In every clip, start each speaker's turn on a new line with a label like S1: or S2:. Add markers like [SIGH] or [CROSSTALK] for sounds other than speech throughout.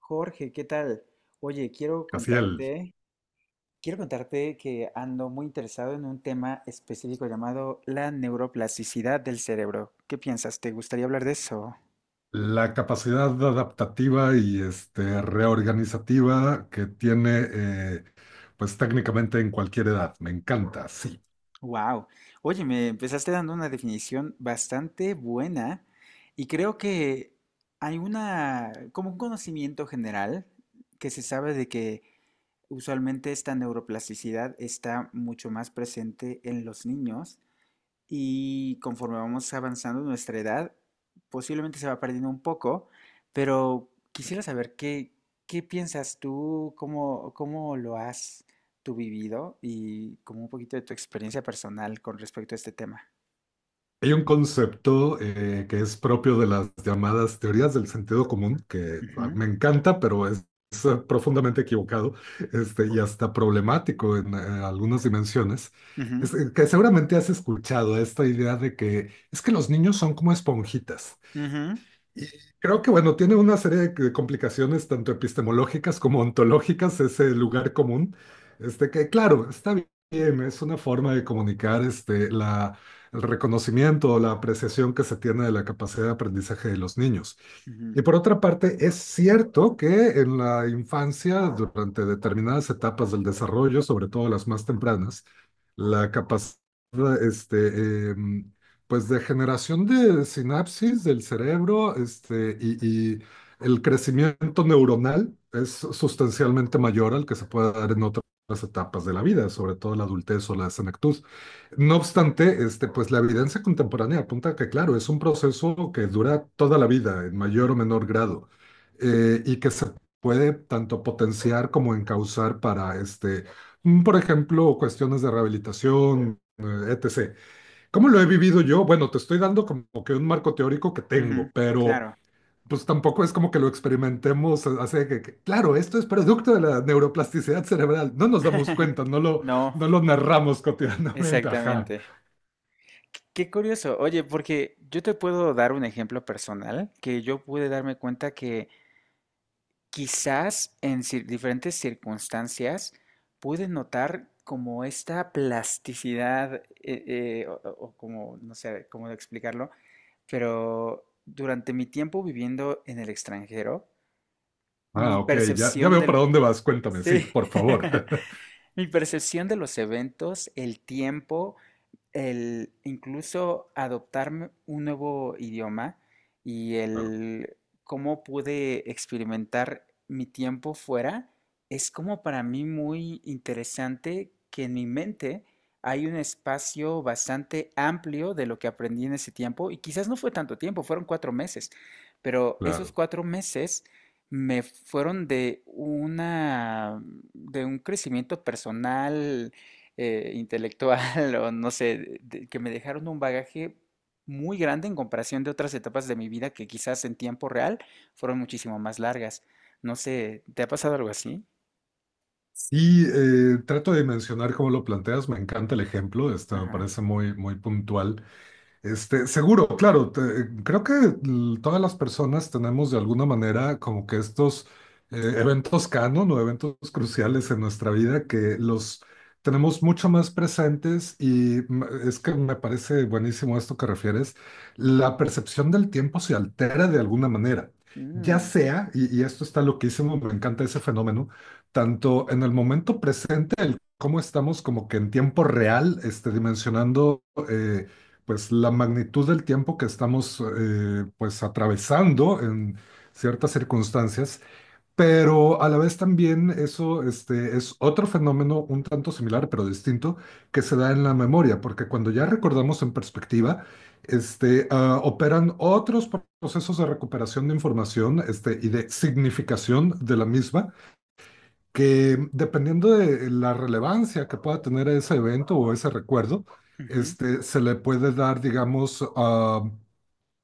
S1: Jorge, ¿qué tal? Oye,
S2: Casiel,
S1: quiero contarte que ando muy interesado en un tema específico llamado la neuroplasticidad del cerebro. ¿Qué piensas? ¿Te gustaría hablar de eso?
S2: la capacidad adaptativa y reorganizativa que tiene, pues técnicamente en cualquier edad. Me encanta, sí.
S1: Wow. Oye, me empezaste dando una definición bastante buena y creo que hay una, como un conocimiento general que se sabe de que usualmente esta neuroplasticidad está mucho más presente en los niños y conforme vamos avanzando en nuestra edad, posiblemente se va perdiendo un poco, pero quisiera saber qué piensas tú, cómo lo has tú vivido y como un poquito de tu experiencia personal con respecto a este tema.
S2: Hay un concepto que es propio de las llamadas teorías del sentido común, que
S1: Ujú,
S2: me encanta, pero es profundamente equivocado y hasta problemático en algunas dimensiones.
S1: ujú,
S2: Es que seguramente has escuchado esta idea de que es que los niños son como esponjitas.
S1: ujú,
S2: Y creo que, bueno, tiene una serie de complicaciones tanto epistemológicas como ontológicas, ese lugar común, que, claro, está bien, es una forma de comunicar la, el reconocimiento o la apreciación que se tiene de la capacidad de aprendizaje de los niños.
S1: ujú,
S2: Y por otra parte, es cierto que en la infancia, durante determinadas etapas del desarrollo, sobre todo las más tempranas, la capacidad este, em, pues de generación de sinapsis del cerebro, y el crecimiento neuronal es sustancialmente mayor al que se puede dar en otras etapas de la vida, sobre todo la adultez o la senectud. No obstante, pues la evidencia contemporánea apunta a que, claro, es un proceso que dura toda la vida, en mayor o menor grado, y que se puede tanto potenciar como encauzar para, por ejemplo, cuestiones de rehabilitación, etc. ¿Cómo lo he vivido yo? Bueno, te estoy dando como que un marco teórico que
S1: ujú,
S2: tengo, pero
S1: claro,
S2: pues tampoco es como que lo experimentemos, así que claro, esto es producto de la neuroplasticidad cerebral, no nos damos cuenta,
S1: no,
S2: no lo narramos cotidianamente, [LAUGHS] ajá.
S1: exactamente. Qué curioso, oye, porque yo te puedo dar un ejemplo personal que yo pude darme cuenta que quizás en diferentes circunstancias pude notar como esta plasticidad, o, o como, no sé cómo explicarlo, pero durante mi tiempo viviendo en el extranjero,
S2: Ah,
S1: mi
S2: ok, ya, ya
S1: percepción
S2: veo para
S1: del...
S2: dónde vas, cuéntame, sí,
S1: Sí,
S2: por favor.
S1: [LAUGHS]
S2: [LAUGHS]
S1: mi percepción de los eventos, el tiempo, el incluso adoptar un nuevo idioma y
S2: Claro,
S1: el cómo pude experimentar mi tiempo fuera es como para mí muy interesante que en mi mente hay un espacio bastante amplio de lo que aprendí en ese tiempo y quizás no fue tanto tiempo, fueron cuatro meses, pero esos
S2: claro.
S1: cuatro meses me fueron de una de un crecimiento personal intelectual [LAUGHS] o no sé, que me dejaron un bagaje muy grande en comparación de otras etapas de mi vida que quizás en tiempo real fueron muchísimo más largas. No sé, ¿te ha pasado algo así?
S2: Sí, trato de mencionar cómo lo planteas, me encanta el ejemplo, me
S1: Ajá.
S2: parece muy, muy puntual. Seguro, claro, creo que todas las personas tenemos de alguna manera como que estos eventos canon o eventos cruciales en nuestra vida que los tenemos mucho más presentes y es que me parece buenísimo esto que refieres, la percepción del tiempo se altera de alguna manera, ya
S1: Mm,
S2: sea, y esto está loquísimo, me encanta ese fenómeno, tanto en el momento presente, el cómo estamos como que en tiempo real, dimensionando. Pues la magnitud del tiempo que estamos pues atravesando en ciertas circunstancias, pero a la vez también eso es otro fenómeno un tanto similar pero distinto que se da en la memoria, porque cuando ya recordamos en perspectiva, operan otros procesos de recuperación de información y de significación de la misma que dependiendo de la relevancia que pueda tener ese evento o ese recuerdo,
S1: ujú,
S2: se le puede dar, digamos, ah,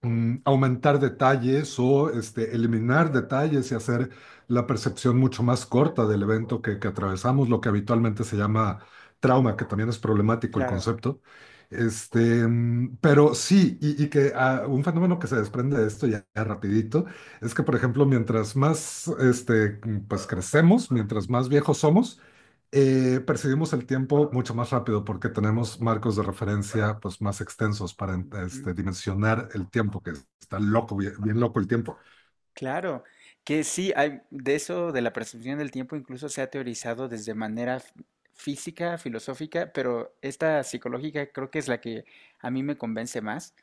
S2: mm, aumentar detalles o eliminar detalles y hacer la percepción mucho más corta del evento que atravesamos, lo que habitualmente se llama trauma, que también es problemático el
S1: claro.
S2: concepto. Pero sí, y que un fenómeno que se desprende de esto ya, ya rapidito es que, por ejemplo, mientras más pues, crecemos, mientras más viejos somos, percibimos el tiempo mucho más rápido porque tenemos marcos de referencia pues, más extensos para
S1: Ujú.
S2: dimensionar el tiempo, que está loco, bien, bien loco el tiempo.
S1: Claro, que sí, hay, de eso, de la percepción del tiempo, incluso se ha teorizado desde manera física, filosófica, pero esta psicológica creo que es la que a mí me convence más.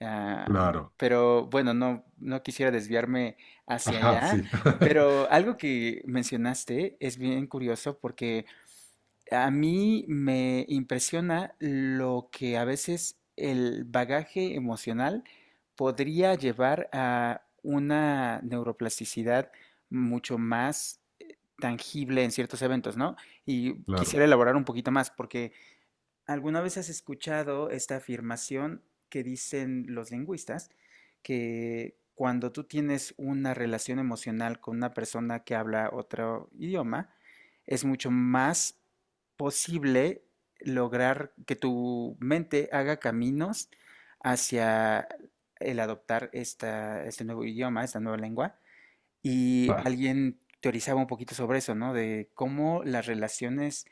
S1: Ah,
S2: Claro.
S1: pero bueno, no, no quisiera desviarme hacia
S2: Ajá,
S1: allá,
S2: sí.
S1: pero
S2: [LAUGHS]
S1: algo que mencionaste es bien curioso porque a mí me impresiona lo que a veces el bagaje emocional podría llevar a una neuroplasticidad mucho más tangible en ciertos eventos, ¿no? Y
S2: Claro.
S1: quisiera elaborar un poquito más, porque ¿alguna vez has escuchado esta afirmación que dicen los lingüistas, que cuando tú tienes una relación emocional con una persona que habla otro idioma, es mucho más posible lograr que tu mente haga caminos hacia el adoptar esta, este nuevo idioma, esta nueva lengua? Y
S2: Ah,
S1: alguien teorizaba un poquito sobre eso, ¿no? De cómo las relaciones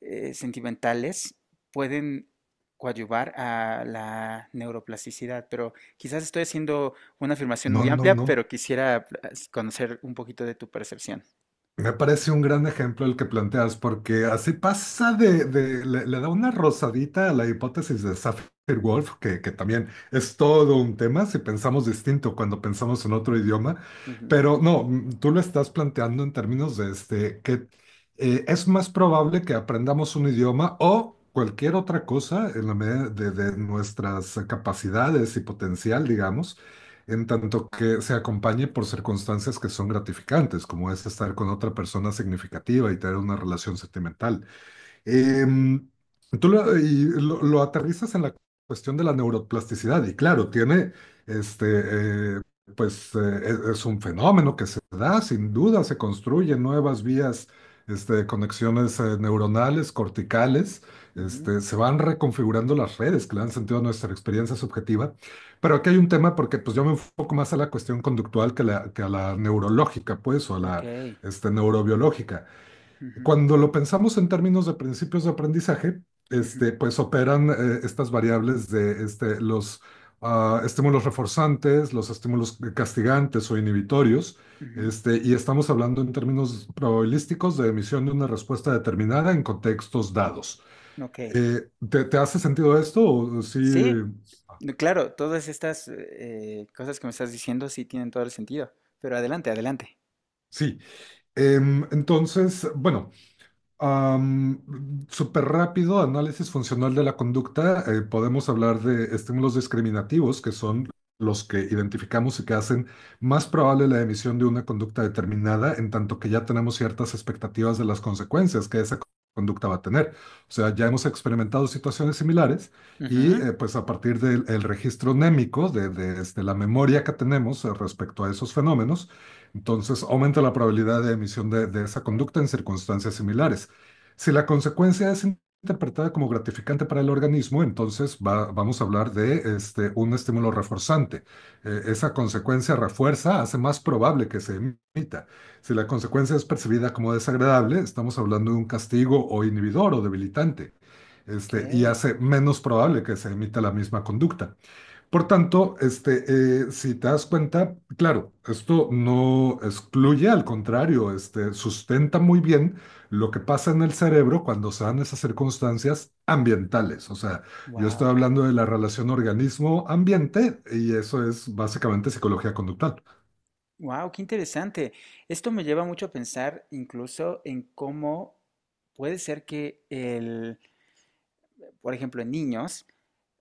S1: sentimentales pueden coadyuvar a la neuroplasticidad, pero quizás estoy haciendo una afirmación
S2: No,
S1: muy
S2: no,
S1: amplia,
S2: no.
S1: pero quisiera conocer un poquito de tu percepción.
S2: Me parece un gran ejemplo el que planteas, porque así pasa de le, le da una rosadita a la hipótesis de Sapir-Whorf, que también es todo un tema si pensamos distinto cuando pensamos en otro idioma,
S1: Ujú,
S2: pero no, tú lo estás planteando en términos de que es más probable que aprendamos un idioma o cualquier otra cosa en la medida de nuestras capacidades y potencial, digamos en tanto que se acompañe por circunstancias que son gratificantes, como es estar con otra persona significativa y tener una relación sentimental. Em, tú lo, y lo aterrizas en la cuestión de la neuroplasticidad y claro, tiene, este, eh, pues eh, es un fenómeno que se da, sin duda, se construyen nuevas vías, conexiones neuronales, corticales,
S1: ujú,
S2: se van reconfigurando las redes que le dan sentido a nuestra experiencia subjetiva, pero aquí hay un tema porque pues yo me enfoco más a la cuestión conductual que, que a la neurológica, pues, o a
S1: ok,
S2: la, neurobiológica.
S1: ujú,
S2: Cuando lo pensamos en términos de principios de aprendizaje,
S1: ujú,
S2: pues operan estas variables de los estímulos reforzantes, los estímulos castigantes o inhibitorios,
S1: ujú,
S2: y estamos hablando en términos probabilísticos de emisión de una respuesta determinada en contextos dados.
S1: ok.
S2: Te hace sentido esto? O sí,
S1: Sí, no, claro, todas estas cosas que me estás diciendo sí tienen todo el sentido, pero adelante, adelante.
S2: sí. Entonces, bueno, súper rápido, análisis funcional de la conducta. Podemos hablar de estímulos discriminativos, que son los que identificamos y que hacen más probable la emisión de una conducta determinada, en tanto que ya tenemos ciertas expectativas de las consecuencias que esa conducta va a tener. O sea, ya hemos experimentado situaciones similares y
S1: Ujú,
S2: pues a partir del el registro némico, de la memoria que tenemos respecto a esos fenómenos, entonces aumenta la probabilidad de emisión de esa conducta en circunstancias similares. Si la consecuencia es interpretada como gratificante para el organismo, entonces vamos a hablar de un estímulo reforzante. Esa consecuencia refuerza, hace más probable que se emita. Si la consecuencia es percibida como desagradable, estamos hablando de un castigo o inhibidor o debilitante,
S1: ok.
S2: y hace menos probable que se emita la misma conducta. Por tanto, si te das cuenta, claro, esto no excluye, al contrario, sustenta muy bien lo que pasa en el cerebro cuando se dan esas circunstancias ambientales. O sea, yo estoy
S1: Wow.
S2: hablando de la relación organismo-ambiente y eso es básicamente psicología conductual.
S1: Wow, qué interesante. Esto me lleva mucho a pensar incluso en cómo puede ser que el, por ejemplo, en niños,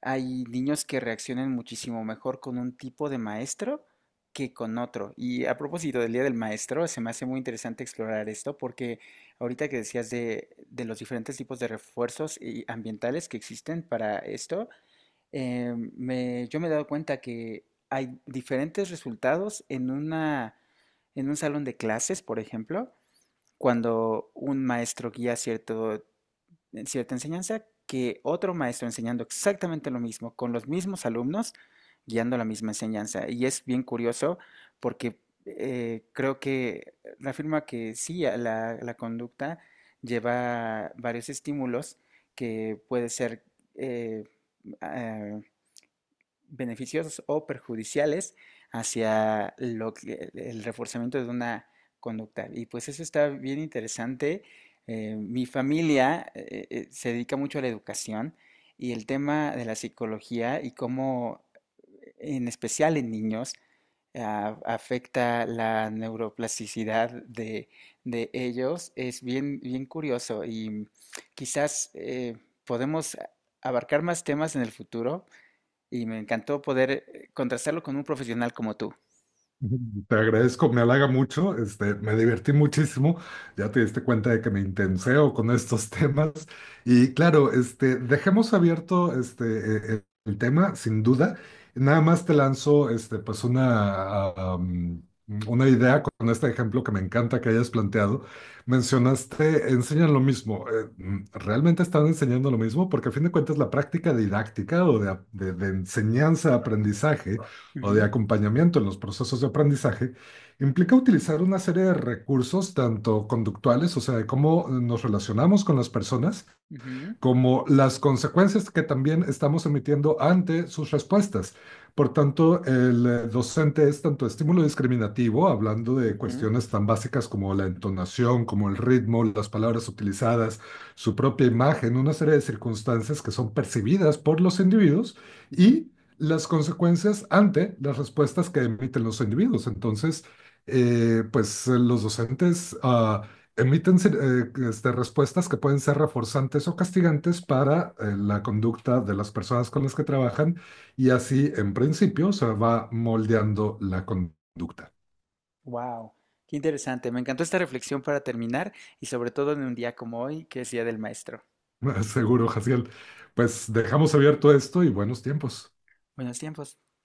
S1: hay niños que reaccionan muchísimo mejor con un tipo de maestro que con otro. Y a propósito del Día del Maestro, se me hace muy interesante explorar esto porque ahorita que decías de los diferentes tipos de refuerzos y ambientales que existen para esto, yo me he dado cuenta que hay diferentes resultados en una, en un salón de clases, por ejemplo, cuando un maestro guía cierto, cierta enseñanza, que otro maestro enseñando exactamente lo mismo, con los mismos alumnos, guiando la misma enseñanza. Y es bien curioso porque creo que reafirma que sí, a la, la conducta lleva varios estímulos que puede ser... eh, eh, beneficiosos o perjudiciales hacia lo que, el reforzamiento de una conducta. Y pues eso está bien interesante. Mi familia se dedica mucho a la educación y el tema de la psicología y cómo, en especial en niños, afecta la neuroplasticidad de ellos es bien, bien curioso y quizás podemos abarcar más temas en el futuro y me encantó poder, contrastarlo con un profesional como tú.
S2: [LAUGHS] Te agradezco, me halaga mucho, me divertí muchísimo, ya te diste cuenta de que me intenseo con estos [LAUGHS] temas y claro, dejemos abierto este el tema, sin duda, nada más te lanzo pues una, ah, um, una idea con este ejemplo que me encanta que hayas planteado. Mencionaste, enseñan lo mismo. ¿Realmente están enseñando lo mismo? Porque a fin de cuentas la práctica didáctica o de enseñanza, aprendizaje o de
S1: Ujú,
S2: acompañamiento en los procesos de aprendizaje, implica utilizar una serie de recursos, tanto conductuales, o sea, de cómo nos relacionamos con las personas,
S1: ujú,
S2: como las consecuencias que también estamos emitiendo ante sus respuestas. Por tanto, el docente es tanto estímulo discriminativo, hablando de
S1: ujú,
S2: cuestiones tan básicas como la entonación, como el ritmo, las palabras utilizadas, su propia imagen, una serie de circunstancias que son percibidas por los individuos
S1: ujú.
S2: y las consecuencias ante las respuestas que emiten los individuos. Entonces, pues los docentes emiten respuestas que pueden ser reforzantes o castigantes para la conducta de las personas con las que trabajan y así, en principio, se va moldeando la conducta.
S1: Guau, qué interesante. Me encantó esta reflexión para terminar y sobre todo en un día como hoy, que es Día del Maestro.
S2: [LAUGHS] Seguro, Jaciel. Pues dejamos abierto esto y buenos tiempos.
S1: Buenos tiempos.